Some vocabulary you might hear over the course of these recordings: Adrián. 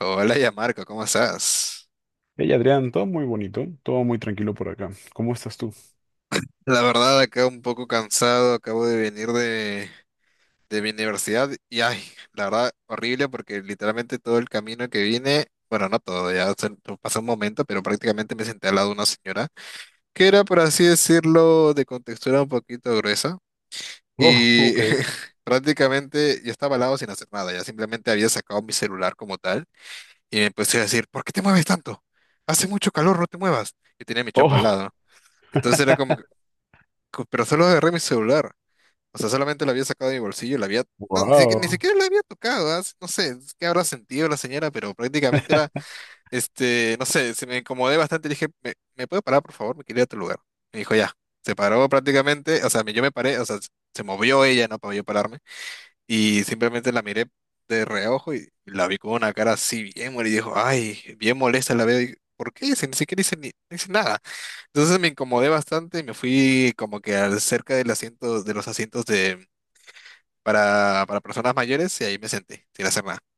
Hola, ya Marco, ¿cómo estás? Hey Adrián, todo muy bonito, todo muy tranquilo por acá. ¿Cómo estás tú? La verdad, acá un poco cansado, acabo de venir de mi universidad y, ay, la verdad, horrible porque literalmente todo el camino que vine, bueno, no todo, pasó un momento, pero prácticamente me senté al lado de una señora que era, por así decirlo, de contextura un poquito gruesa Oh, y ok. prácticamente yo estaba al lado sin hacer nada, ya simplemente había sacado mi celular como tal y me empecé a decir, ¿por qué te mueves tanto? Hace mucho calor, no te muevas. Y tenía mi chompa al Oh, lado, ¿no? Entonces era como que pero solo agarré mi celular. O sea, solamente la había sacado de mi bolsillo, la había. No, ni siquiera, ni wow, siquiera la había tocado, ¿ah? No sé es qué habrá sentido la señora, pero prácticamente era, no sé, se me incomodé bastante. Le dije, ¿me puede parar, por favor? Me quiero ir a otro lugar. Me dijo, ya. Se paró prácticamente, o sea, yo me paré, o sea, se movió ella, ¿no? Para yo pararme. Y simplemente la miré de reojo y la vi con una cara así bien molesta. Y dijo, ay, bien molesta la veo. Y ¿por qué? Si ni siquiera hice, ni, no hice nada. Entonces me incomodé bastante y me fui como que cerca del asiento, de los asientos de, para personas mayores y ahí me senté, sin hacer nada.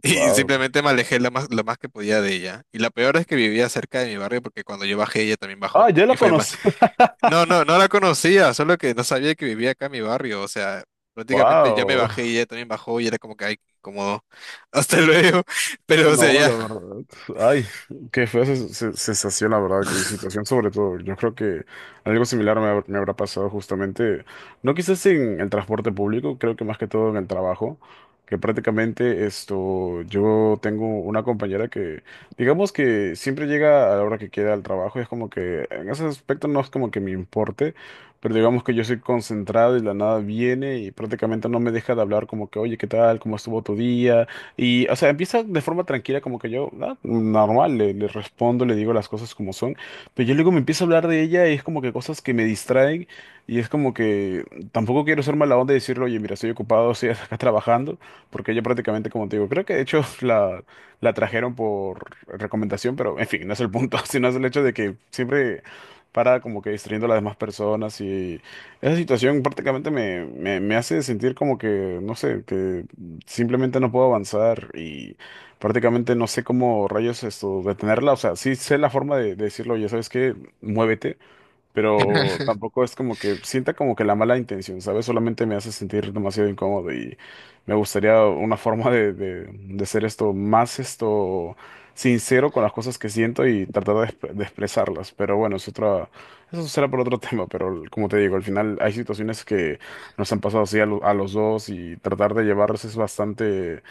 Y wow. simplemente me alejé lo más que podía de ella. Y la peor es que vivía cerca de mi barrio porque cuando yo bajé, ella también Ah, bajó. ya Y lo fue más. conocí. No, no, no la conocía, solo que no sabía que vivía acá en mi barrio, o sea, prácticamente ya me Wow. bajé y ella también bajó y era como que, ay, qué incómodo, hasta luego, pero o sea, No, ya, la verdad. Ay, qué fea sensación, la verdad, y situación sobre todo. Yo creo que algo similar me habrá pasado justamente, no quizás en el transporte público, creo que más que todo en el trabajo, que prácticamente esto, yo tengo una compañera que, digamos que siempre llega a la hora que quiera al trabajo, y es como que en ese aspecto no es como que me importe, pero digamos que yo soy concentrado y de la nada viene y prácticamente no me deja de hablar como que, oye, ¿qué tal? ¿Cómo estuvo tu día? Y, o sea, empieza de forma tranquila, como que yo, ah, normal, le respondo, le digo las cosas como son, pero yo luego me empiezo a hablar de ella y es como que cosas que me distraen y es como que tampoco quiero ser mala onda y decirle, oye, mira, estoy ocupado, estoy acá trabajando, porque ella prácticamente, como te digo, creo que de hecho la trajeron por recomendación, pero en fin, no es el punto, sino es el hecho de que siempre para como que distrayendo a las demás personas y esa situación prácticamente me hace sentir como que, no sé, que simplemente no puedo avanzar y prácticamente no sé cómo rayos esto detenerla. O sea, sí sé la forma de decirlo, ya sabes que muévete, pero tampoco es como que sienta como que la mala intención, ¿sabes? Solamente me hace sentir demasiado incómodo y me gustaría una forma de ser esto más esto sincero con las cosas que siento y tratar de, de expresarlas. Pero bueno, es otra, eso será por otro tema, pero como te digo, al final hay situaciones que nos han pasado así a, a los dos y tratar de llevarlos es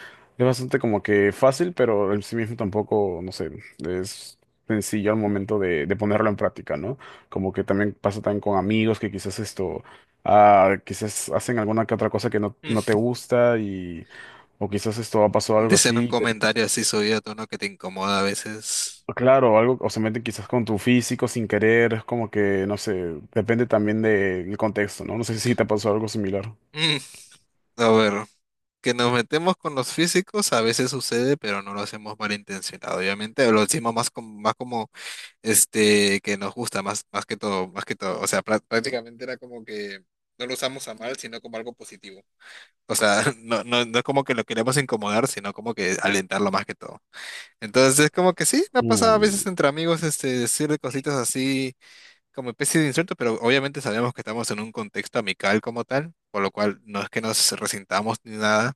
bastante como que fácil, pero en sí mismo tampoco, no sé, es sencillo al momento de ponerlo en práctica, ¿no? Como que también pasa también con amigos que quizás esto, ah, quizás hacen alguna que otra cosa que no te mm, gusta y, o quizás esto ha pasado algo dicen un así, que, comentario así subido a tono que te incomoda a veces. claro, algo, o se mete quizás con tu físico sin querer, es como que, no sé, depende también del contexto, ¿no? No sé si te pasó algo similar. Mm, A ver, que nos metemos con los físicos a veces sucede, pero no lo hacemos malintencionado, obviamente, lo decimos más como, que nos gusta, más que todo, o sea, prácticamente era como que no lo usamos a mal, sino como algo positivo. O sea, no, no, no es como que lo queremos incomodar, sino como que alentarlo más que todo. Entonces es como que sí, me ha pasado a Mm. veces entre amigos decir cositas así como especie de insulto, pero obviamente sabemos que estamos en un contexto amical como tal, por lo cual no es que nos resintamos ni nada.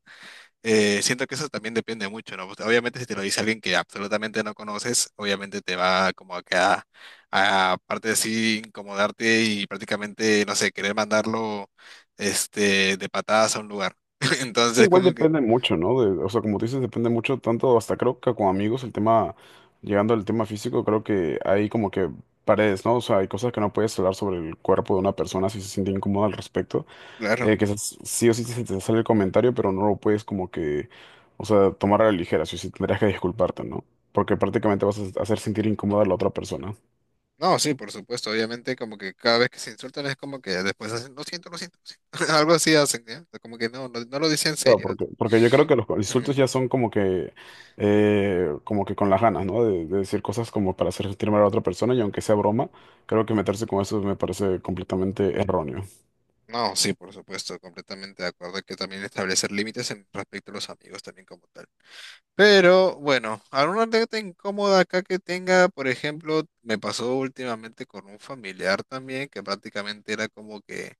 Siento que eso también depende mucho, ¿no? Pues, obviamente si te lo dice alguien que absolutamente no conoces, obviamente te va como a que a, aparte de así incomodarte y prácticamente, no sé, querer mandarlo de patadas a un lugar. Entonces, Igual como que, depende mucho, ¿no? De- o sea, como tú dices, depende mucho, tanto hasta creo que con amigos, el tema, llegando al tema físico, creo que hay como que paredes, ¿no? O sea, hay cosas que no puedes hablar sobre el cuerpo de una persona si se siente incómoda al respecto. claro. Que esas- sí o sí se te sale el comentario, pero no lo puedes como que, o sea, tomar a la ligera, sí o sí tendrías que disculparte, ¿no? Porque prácticamente vas a hacer sentir incómoda a la otra persona. No, sí, por supuesto, obviamente como que cada vez que se insultan es como que después hacen, lo siento, lo siento, lo siento. Algo así hacen, ¿ya? Como que no, no, no lo dicen en Claro, serio. Porque yo creo que los Ujú. insultos ya son como que con las ganas, ¿no? De decir cosas como para hacer sentir mal a la otra persona y aunque sea broma, creo que meterse con eso me parece completamente erróneo. No, sí, por supuesto, completamente de acuerdo. Que también establecer límites en respecto a los amigos también como tal. Pero bueno, alguna anécdota incómoda acá que tenga, por ejemplo, me pasó últimamente con un familiar también que prácticamente era como que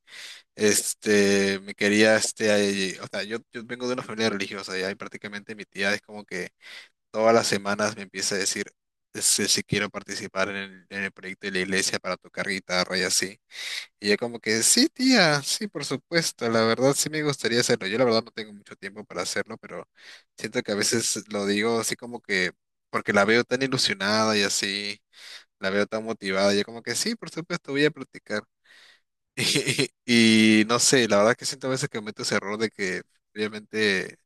me quería o sea, yo vengo de una familia religiosa y ahí prácticamente mi tía es como que todas las semanas me empieza a decir si quiero participar en el proyecto de la iglesia para tocar guitarra y así. Y yo como que, sí, tía, sí, por supuesto, la verdad sí me gustaría hacerlo. Yo la verdad no tengo mucho tiempo para hacerlo, pero siento que a veces lo digo así como que, porque la veo tan ilusionada y así, la veo tan motivada, y yo como que, sí, por supuesto, voy a practicar. Y, no sé, la verdad que siento a veces que cometo ese error de que obviamente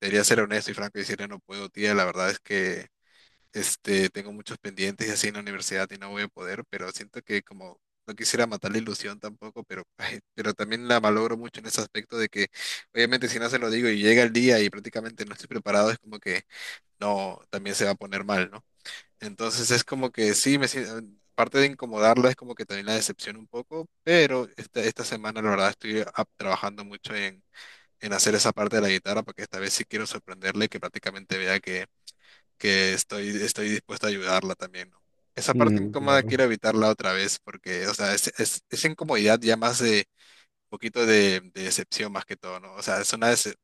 debería ser honesto y franco y decirle, no puedo, tía, la verdad es que. Tengo muchos pendientes y así en la universidad y no voy a poder, pero siento que como no quisiera matar la ilusión tampoco, pero, ay, pero también la valoro mucho en ese aspecto de que obviamente si no se lo digo y llega el día y prácticamente no estoy preparado, es como que no, también se va a poner mal, ¿no? Entonces es como que sí, me siento, parte de incomodarla es como que también la decepción un poco, pero esta semana la verdad estoy trabajando mucho en hacer esa parte de la guitarra porque esta vez sí quiero sorprenderle y que prácticamente vea que estoy dispuesto a ayudarla también, ¿no? Esa parte Mm, incómoda quiero claro. evitarla otra vez porque, o sea, esa incomodidad ya más de un poquito de decepción más que todo, ¿no? O sea,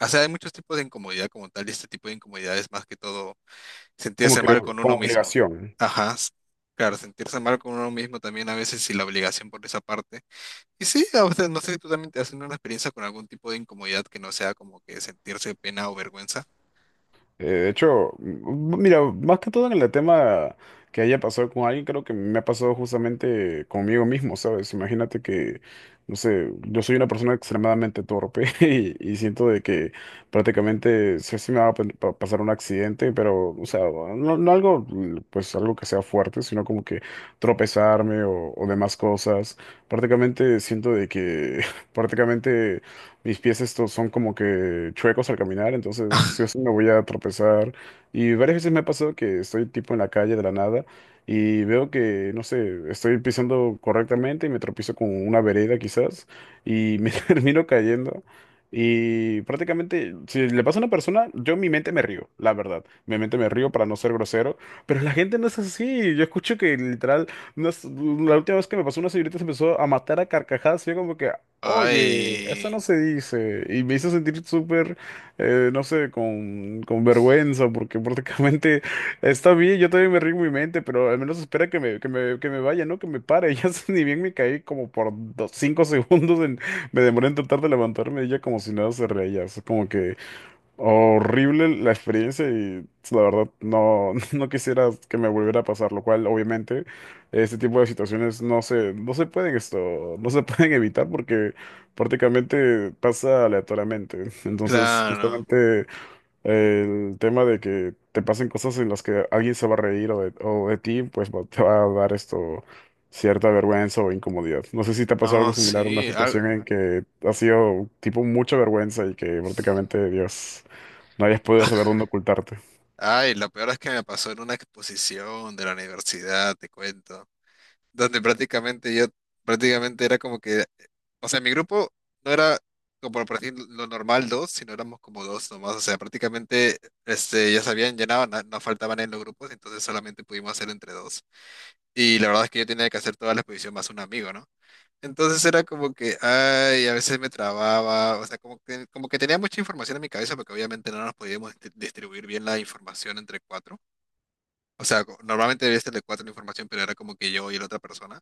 o sea, hay muchos tipos de incomodidad como tal y este tipo de incomodidad es más que todo Como sentirse que, mal con como uno mismo. obligación. Ajá. Claro, sentirse mal con uno mismo también a veces y la obligación por esa parte. Y sí, a veces, no sé si tú también te has tenido una experiencia con algún tipo de incomodidad que no sea como que sentirse pena o vergüenza. De hecho, mira, más que todo en el tema que haya pasado con alguien, creo que me ha pasado justamente conmigo mismo, ¿sabes? Imagínate que, no sé, yo soy una persona extremadamente torpe y siento de que prácticamente sí, sí me va a pasar un accidente, pero, o sea, no, no algo, pues algo que sea fuerte, sino como que tropezarme o demás cosas. Prácticamente siento de que prácticamente mis pies estos son como que chuecos al caminar, entonces sí o sí me voy a tropezar. Y varias veces me ha pasado que estoy tipo en la calle de la nada y veo que, no sé, estoy pisando correctamente y me tropiezo con una vereda quizás y me termino cayendo. Y prácticamente, si le pasa a una persona, yo en mi mente me río, la verdad. Mi mente me río para no ser grosero, pero la gente no es así. Yo escucho que literal, no es- la última vez que me pasó una señorita se empezó a matar a carcajadas. Y yo como que, oye, eso no Ay, se dice. Y me hizo sentir súper, no sé, con vergüenza, porque prácticamente está bien, yo también me río en mi mente, pero al menos espera que que me vaya, ¿no? Que me pare. Ya sé, ni bien me caí como por dos, cinco segundos, en- me demoré en tratar de levantarme, y ella como si nada se reía. Es como que, horrible la experiencia y pues, la verdad no, no quisiera que me volviera a pasar, lo cual obviamente este tipo de situaciones no se pueden esto, no se pueden evitar porque prácticamente pasa aleatoriamente. Entonces, claro. justamente el tema de que te pasen cosas en las que alguien se va a reír o de ti, pues te va a dar esto cierta vergüenza o incomodidad. No sé si te ha pasado algo No, similar, una sí. Situación en que ha sido tipo mucha vergüenza y que prácticamente, Dios, no hayas podido saber dónde ocultarte. Ay, lo peor es que me pasó en una exposición de la universidad, te cuento, donde prácticamente yo, prácticamente era como que, o sea, mi grupo no era como por decir lo normal dos, sino éramos como dos nomás, o sea, prácticamente, ya se habían llenado, no, faltaban en los grupos, entonces solamente pudimos hacer entre dos. Y la verdad es que yo tenía que hacer toda la exposición más un amigo, ¿no? Entonces era como que, ay, a veces me trababa, o sea, como que tenía mucha información en mi cabeza porque obviamente no nos podíamos distribuir bien la información entre cuatro. O sea, normalmente debía ser de cuatro la información, pero era como que yo y la otra persona.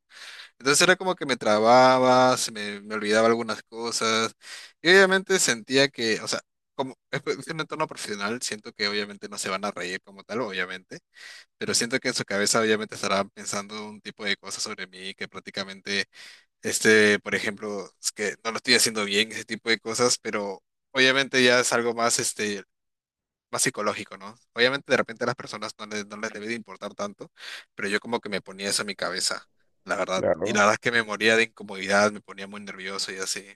Entonces era como que me trababa, se me olvidaba algunas cosas y obviamente sentía que, o sea, como es pues, es un entorno profesional, siento que obviamente no se van a reír como tal, obviamente, pero siento que en su cabeza obviamente estarán pensando un tipo de cosas sobre mí que prácticamente por ejemplo, es que no lo estoy haciendo bien, ese tipo de cosas, pero obviamente ya es algo más, más psicológico, ¿no? Obviamente de repente a las personas no les debe de importar tanto, pero yo como que me ponía eso en mi cabeza, la verdad. Y Claro. la verdad es que me moría de incomodidad, me ponía muy nervioso y así.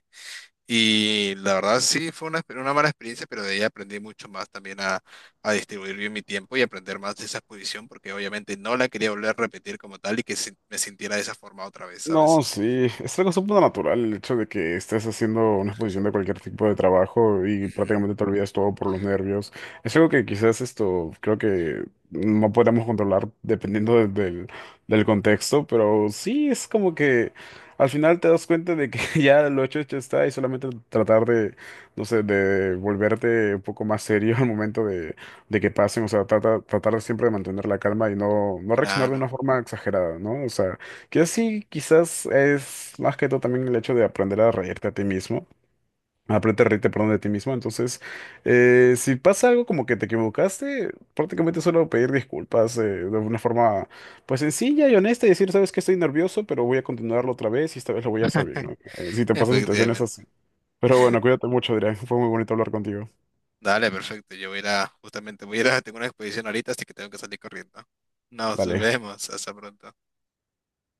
Y la verdad sí fue una mala experiencia, pero de ahí aprendí mucho más también a distribuir bien mi tiempo y aprender más de esa exposición, porque obviamente no la quería volver a repetir como tal y que me sintiera de esa forma otra vez, No, ¿sabes? sí, es algo súper natural el hecho de que estés haciendo una exposición de cualquier tipo de trabajo y Ujú. prácticamente te olvidas todo por los nervios. Es algo que quizás esto creo que no podemos controlar dependiendo de- del, del contexto, pero sí es como que al final te das cuenta de que ya lo hecho, hecho está y solamente tratar de, no sé, de volverte un poco más serio al momento de que pasen, o sea, trata, tratar siempre de mantener la calma y no reaccionar de Claro. una forma exagerada, ¿no? O sea... Que sí, quizás es más que todo también el hecho de aprender a reírte a ti mismo. Aprender a reírte, perdón, de ti mismo. Entonces, si pasa algo como que te equivocaste, prácticamente solo pedir disculpas de una forma pues sencilla y honesta y decir, sabes que estoy nervioso, pero voy a continuarlo otra vez y esta vez lo voy a hacer bien, ¿no? Si te pasan situaciones Efectivamente. así. Pero bueno, cuídate mucho, Adrián. Fue muy bonito hablar contigo. Dale, perfecto. Yo voy a ir a, justamente voy a ir a, tengo una expedición ahorita, así que tengo que salir corriendo. Nos Dale. vemos. Hasta pronto.